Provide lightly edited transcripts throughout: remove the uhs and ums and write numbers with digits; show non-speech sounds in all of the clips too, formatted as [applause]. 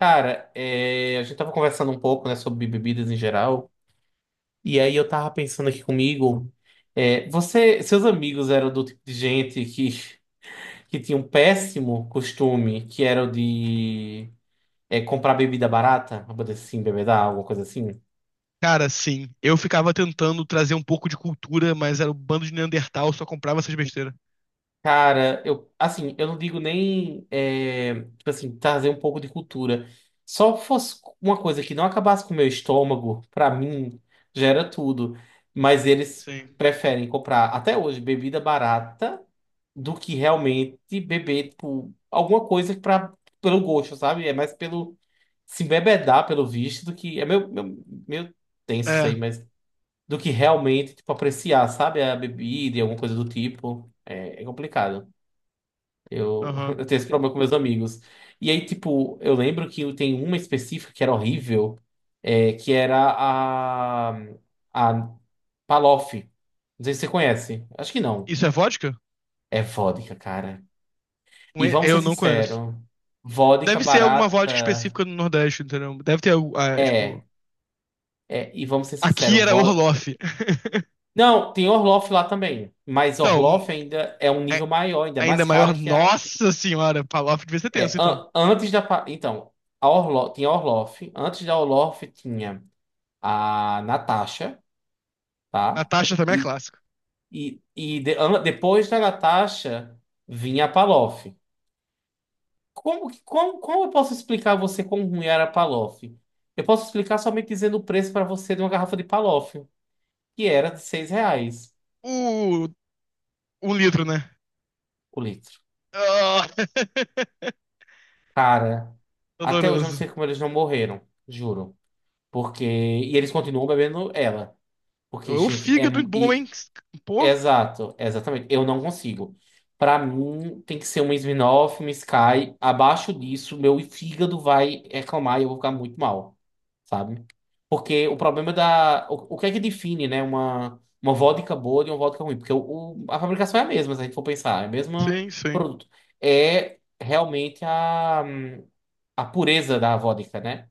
Cara, a gente tava conversando um pouco, né, sobre bebidas em geral, e aí eu tava pensando aqui comigo, você, seus amigos eram do tipo de gente que tinha um péssimo costume, que era o de comprar bebida barata, pra poder assim, beber água, alguma coisa assim? Cara, sim. Eu ficava tentando trazer um pouco de cultura, mas era um bando de Neandertal, só comprava essas besteiras. Cara, eu, assim, eu não digo nem, tipo assim, trazer um pouco de cultura. Só fosse uma coisa que não acabasse com o meu estômago, pra mim, já era tudo. Mas eles Sim. preferem comprar, até hoje, bebida barata do que realmente beber, tipo, alguma coisa pra, pelo gosto, sabe? É mais pelo se embebedar, pelo visto, do que. É meio tenso isso aí, É, mas. Do que realmente, tipo, apreciar, sabe? A bebida e alguma coisa do tipo. É complicado. Eu, [laughs] aham. eu tenho esse problema com meus amigos. E aí, tipo, eu lembro que tem uma específica que era horrível, que era a Palof. Não sei se você conhece. Acho que não. Isso é vodka? É vodka, cara. E vamos ser Eu não conheço. sinceros, vodka Deve ser alguma vodka barata específica do Nordeste, entendeu? Deve ter, ah, é, tipo. é. E vamos ser Aqui sinceros, era Orloff. [laughs] Não, tem Orloff lá também. Mas Então, Orloff ainda é um é nível maior, ainda é ainda mais maior. cara que a. Nossa senhora, Palof devia ser É, tenso, então. Antes da. Então, a tinha a Orloff. Antes da Orloff tinha a Natasha, tá? Natasha também é E, clássico. Depois da Natasha vinha a Palof. Como eu posso explicar a você como ruim era a Palof? Eu posso explicar somente dizendo o preço para você de uma garrafa de Palof, que era de R$ 6 O... Um litro, né? o litro. Ah, Cara, [laughs] até hoje eu não doloroso. sei como eles não morreram, juro. Porque. E eles continuam bebendo ela. Porque, O gente, é. fígado bom, hein? Pô, Exato, exatamente. Eu não consigo. Pra mim, tem que ser uma Smirnoff, uma Sky. Abaixo disso, meu fígado vai reclamar e eu vou ficar muito mal, sabe? Porque o problema da. O que é que define, né? Uma vodka boa de uma vodka ruim? Porque a fabricação é a mesma, se a gente for pensar, é o mesmo sim, sim. produto. É realmente a pureza da vodka, né?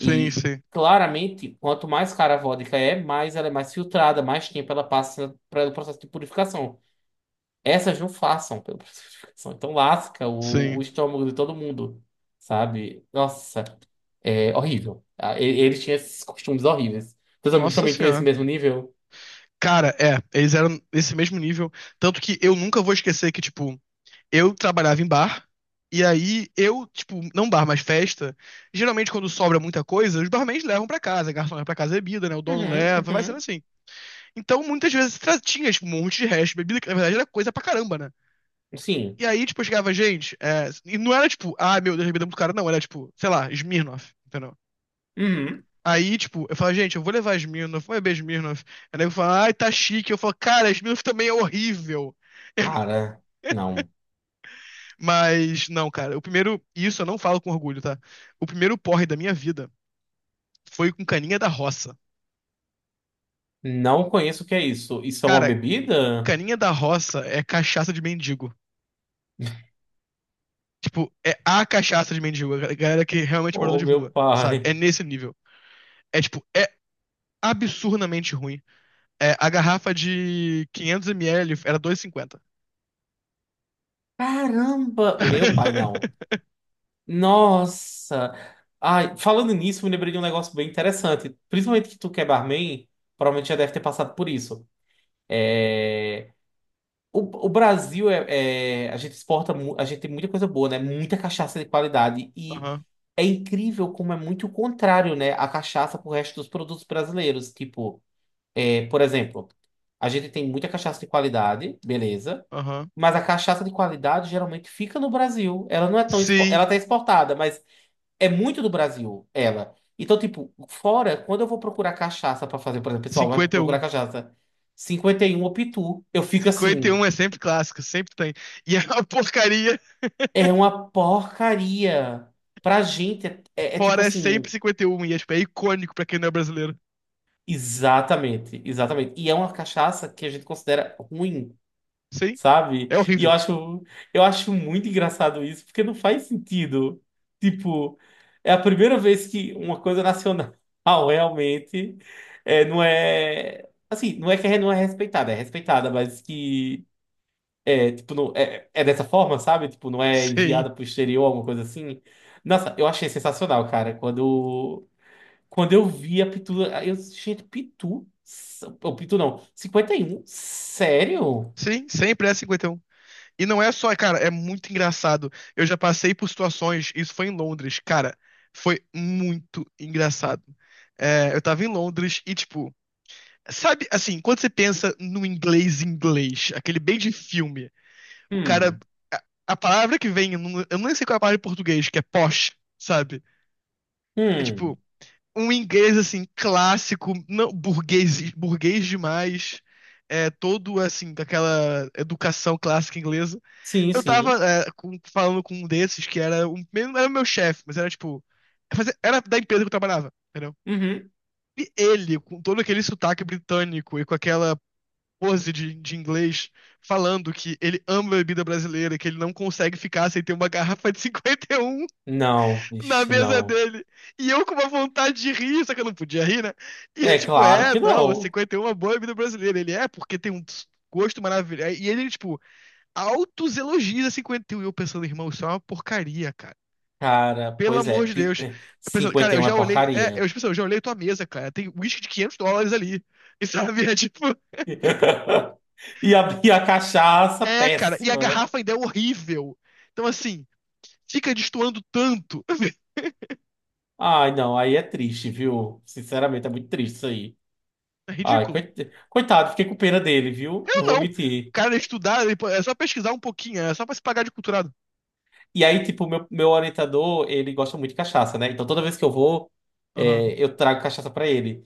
Sim, E sim, claramente, quanto mais cara a vodka é, mais ela é mais filtrada, mais tempo ela passa pelo processo de purificação. Essas não façam pelo processo de educação. Então lasca o sim. estômago de todo mundo, sabe? Nossa, é horrível. Ah, eles tinham esses costumes horríveis. Teus amigos Nossa também tinham esse senhora. mesmo nível? Cara, eles eram nesse mesmo nível. Tanto que eu nunca vou esquecer que, tipo, eu trabalhava em bar, e aí eu, tipo, não bar, mas festa. Geralmente, quando sobra muita coisa, os barmans levam pra casa, garçom leva pra casa bebida, né? O dono Uhum, leva, vai sendo uhum. assim. Então, muitas vezes tinha, tipo, um monte de resto de bebida, que na verdade era coisa pra caramba, né? Sim. E aí, tipo, eu chegava, gente, e não era tipo, ah, meu Deus, bebida é muito cara, não, era tipo, sei lá, Smirnoff, entendeu? Uhum. Aí, tipo, eu falo, gente, eu vou levar Smirnoff, vou beber Smirnoff. Aí o nego fala, ai, tá chique. Eu falo, cara, Smirnoff também é horrível. Cara, não. Mas, não, cara, o primeiro, isso eu não falo com orgulho, tá? O primeiro porre da minha vida foi com Caninha da Roça. Não conheço o que é isso. Isso é uma Cara, bebida? Caninha da Roça é cachaça de mendigo. Tipo, é a cachaça de mendigo, a galera que realmente é morador Oh, de meu rua, sabe? pai. É nesse nível. É, tipo, é absurdamente ruim. É, a garrafa de 500 ml era 2,50. Caramba! Meu pai, não. [laughs] Nossa! Ai, falando nisso, me lembrei de um negócio bem interessante. Principalmente que tu que é barman, provavelmente já deve ter passado por isso. É. O Brasil é, a gente exporta, a gente tem muita coisa boa, né? Muita cachaça de qualidade e Aham, é incrível como é muito o contrário, né? A cachaça pro resto dos produtos brasileiros, tipo, por exemplo, a gente tem muita cachaça de qualidade, beleza? aham. Mas a cachaça de qualidade geralmente fica no Brasil. Ela não é tão Sim. ela tá exportada, mas é muito do Brasil, ela. Então, tipo, fora, quando eu vou procurar cachaça pra fazer, cinquenta por exemplo, o pessoal vai cinquenta e um procurar cachaça 51 ou Pitu, eu fico cinquenta e assim, um é sempre clássico, sempre tem. E é uma porcaria, é uma porcaria. Pra gente, é, é tipo fora é sempre assim, cinquenta e um. E tipo, é icônico pra quem não é brasileiro. exatamente, exatamente. E é uma cachaça que a gente considera ruim. Sim, Sabe? é E horrível. Eu acho muito engraçado isso, porque não faz sentido. Tipo, é a primeira vez que uma coisa nacional [laughs] realmente é, não é. Assim, não é que é, não é respeitada, é respeitada, mas que é, tipo, não, é, é dessa forma, sabe? Tipo, não é Sim, enviada pro exterior, alguma coisa assim. Nossa, eu achei sensacional, cara. Quando, quando eu vi a Pitu, eu, gente, Pitu? Ou Pitu não, 51? Sério? sim, sempre é 51. E um. E não é só, cara, é muito engraçado. Eu já passei por situações, isso foi em Londres, cara, foi muito engraçado. É, eu tava em Londres e, tipo, sabe, assim, quando você pensa no inglês inglês, aquele bem de filme. O cara. Hum, A, a palavra que vem, eu nem sei qual é a palavra em português, que é posh, sabe? É hum. tipo, um inglês assim, clássico, não, burguês, burguês demais. É, todo assim, daquela educação clássica inglesa. Sim, Eu sim. tava falando com um desses que era meu chefe, mas era tipo. Era da empresa que eu trabalhava, entendeu? Uhum. E ele, com todo aquele sotaque britânico e com aquela pose de inglês falando que ele ama a bebida brasileira, que ele não consegue ficar sem ter uma garrafa de [laughs] 51 Não, na ixi, mesa não. dele. E eu com uma vontade de rir, só que eu não podia rir, né? E eu, É tipo, claro que não, não. 51 é uma boa bebida brasileira. Ele é, porque tem um gosto maravilhoso. E ele, tipo, altos elogios a cinquenta e um e eu pensando, irmão, isso é uma porcaria, cara. Cara, Pelo pois é. amor de Deus. É, Eu pensando, cara, cinquenta e eu um é já olhei. É, eu, porcaria. tipo, assim, eu já olhei tua mesa, cara. Tem uísque de 500 dólares ali. E sabe? [laughs] É tipo. [laughs] E a cachaça, É, cara, e a péssima. garrafa ainda é horrível. Então, assim, fica destoando tanto. [laughs] Ai, não, aí é triste, viu? Sinceramente, é muito triste isso aí. É Ai, ridículo. Coitado, fiquei com pena dele, viu? Eu Não vou não. O mentir. cara estudar, é só pesquisar um pouquinho, é só pra se pagar de culturado. E aí, tipo, meu orientador, ele gosta muito de cachaça, né? Então toda vez que eu vou, é, Aham, eu trago cachaça pra ele.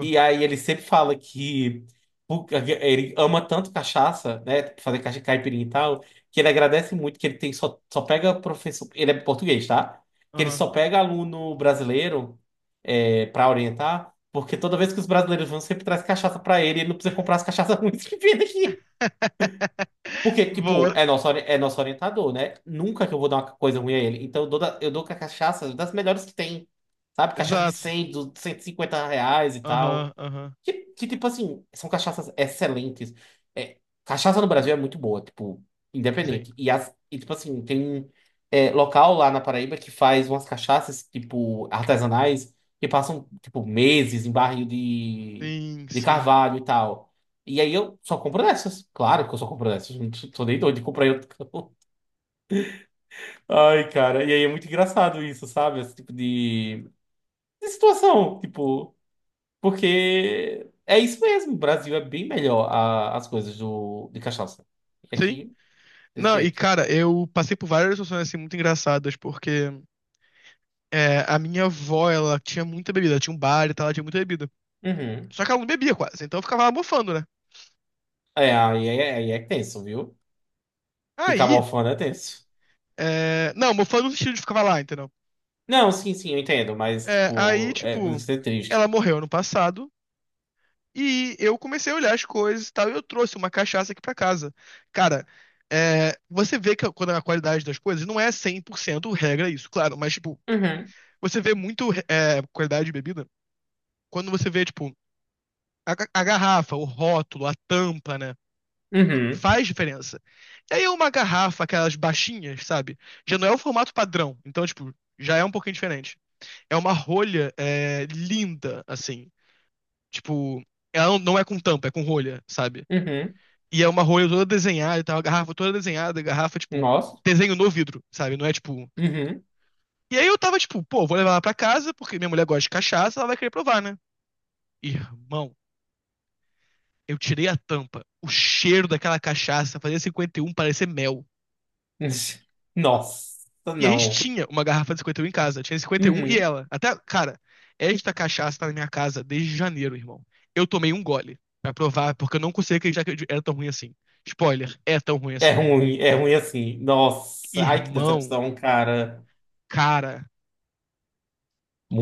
E aí ele sempre fala que ele ama tanto cachaça, né? Fazer caipirinha e tal, que ele agradece muito que ele tem só, só pega professor. Ele é português, tá? Que ele Aham. só pega aluno brasileiro para orientar, porque toda vez que os brasileiros vão, sempre traz cachaça pra ele, ele não precisa comprar as cachaças [laughs] ruins que vem daqui. [laughs] Porque, tipo, Boa. é é nosso orientador, né? Nunca que eu vou dar uma coisa ruim a ele. Então eu eu dou com a cachaça das melhores que tem, sabe? Cachaça de Exato. 100, do R$ 150 e Aham, tal. aham. Que, tipo assim, são cachaças excelentes. É, cachaça no Brasil é muito boa, tipo, Sim. independente. E, as, e tipo assim, tem local lá na Paraíba que faz umas cachaças, tipo, artesanais, que passam, tipo, meses em barril Sim, de sim. carvalho e tal. E aí eu só compro dessas. Claro que eu só compro dessas. Não tô nem doido de comprar em outro canto. [laughs] Ai, cara. E aí é muito engraçado isso, sabe? Esse tipo de situação, tipo. Porque é isso mesmo, o Brasil é bem melhor as coisas do, de cachaça. E Sim. aqui, desse Não, e jeito. cara, eu passei por várias situações assim muito engraçadas, porque a minha avó, ela tinha muita bebida, ela tinha um bar e tal, ela tinha muita bebida. Uhum. Só que ela não bebia quase, então eu ficava lá mofando, né? É, aí é, aí é tenso, viu? Ficar Aí, mofando é tenso. é, não, mofando no sentido de ficar lá, entendeu? Não, sim, sim, eu entendo, mas, É, aí, tipo, é, deve tipo, ser triste. ela morreu ano passado e eu comecei a olhar as coisas e tal, e eu trouxe uma cachaça aqui pra casa. Cara, você vê que quando é a qualidade das coisas não é 100%, regra isso, claro, mas, tipo, Uhum, você vê muito qualidade de bebida quando você vê, tipo, a garrafa, o rótulo, a tampa, né? uhum, Faz diferença. E aí uma garrafa, aquelas baixinhas, sabe? Já não é o formato padrão, então, tipo, já é um pouquinho diferente. É uma rolha, é linda, assim. Tipo, ela não é com tampa, é com rolha, sabe? uhum. E é uma rolha toda desenhada e tal, a garrafa toda desenhada, a garrafa, tipo, Nossa, desenho no vidro, sabe? Não é tipo. uhum. E aí eu tava tipo, pô, vou levar ela pra casa, porque minha mulher gosta de cachaça, ela vai querer provar, né? Irmão, eu tirei a tampa. O cheiro daquela cachaça fazia 51 parecer mel. [laughs] Nossa, E a gente não. tinha uma garrafa de 51 em casa. Tinha cinquenta e um e Uhum. ela. Até, cara, esta cachaça tá na minha casa desde janeiro, irmão. Eu tomei um gole pra provar, porque eu não conseguia acreditar que era tão ruim assim. Spoiler, é tão ruim assim. É ruim assim. Nossa, ai que Irmão, decepção, cara. cara,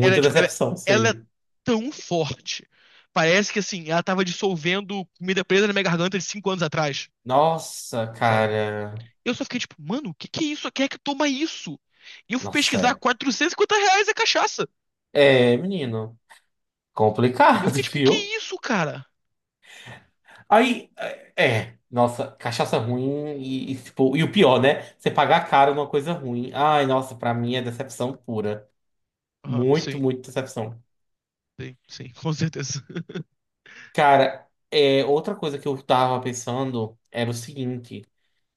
ela é tipo, decepção isso ela é aí. tão forte. Parece que assim, ela tava dissolvendo comida presa na minha garganta de 5 anos atrás, Nossa, sabe? cara. Eu só fiquei tipo, mano, o que que é isso? Quem é que toma isso? E eu fui pesquisar, Nossa, R$ 450 a cachaça. é, menino, E eu complicado, fiquei [laughs] tipo, que viu? isso, cara? Aí, é, é, nossa, cachaça ruim e, tipo, e o pior, né? Você pagar caro numa coisa ruim. Ai, nossa, pra mim é decepção pura. Aham, Muito, sim, muito decepção. sim, sim, com certeza. [laughs] Cara, é, outra coisa que eu tava pensando era o seguinte: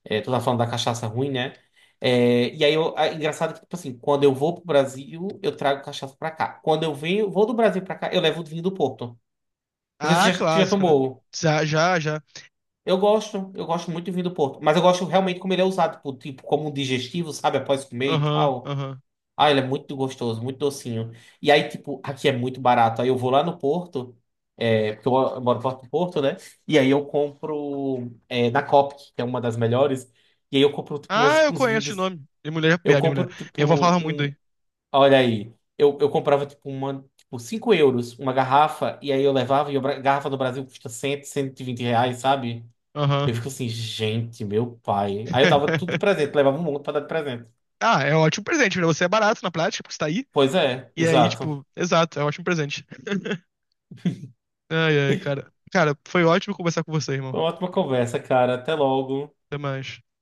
é, tu tava falando da cachaça ruim, né? É, e aí, eu, é engraçado que, tipo assim, quando eu vou pro Brasil, eu trago cachaça pra cá. Quando eu venho, vou do Brasil pra cá, eu levo o vinho do Porto. Não sei se Ah, você já, já clássico, né? tomou. Já, já, já. Eu gosto muito de vinho do Porto, mas eu gosto realmente como ele é usado, tipo, tipo, como um digestivo, sabe, após comer e Aham, tal. aham. Ah, ele é muito gostoso, muito docinho. E aí, tipo, aqui é muito barato. Aí eu vou lá no Porto, é, porque eu moro perto do Porto, né? E aí eu compro é, na Copic, que é uma das melhores. E aí eu compro, tipo, uns, Ah, eu uns conheço de vidros. nome. Minha mulher, Eu minha mulher. compro, Minha avó tipo, falava muito um. daí. Olha aí, eu comprava, tipo, uma, tipo, €5, uma garrafa, e aí eu levava, e a garrafa do Brasil custa cem, R$ 120, sabe? Eu Aham. fico assim, gente, meu pai. Aí eu dava tudo de [laughs] presente, levava um monte pra dar de presente. Ah, é um ótimo presente, né? Você é barato na prática, porque você tá aí. Pois é, E aí, exato. tipo, exato, é um ótimo presente. Ai, ai, cara. Cara, foi ótimo conversar com você, Foi irmão. uma ótima conversa, cara. Até logo. Até mais.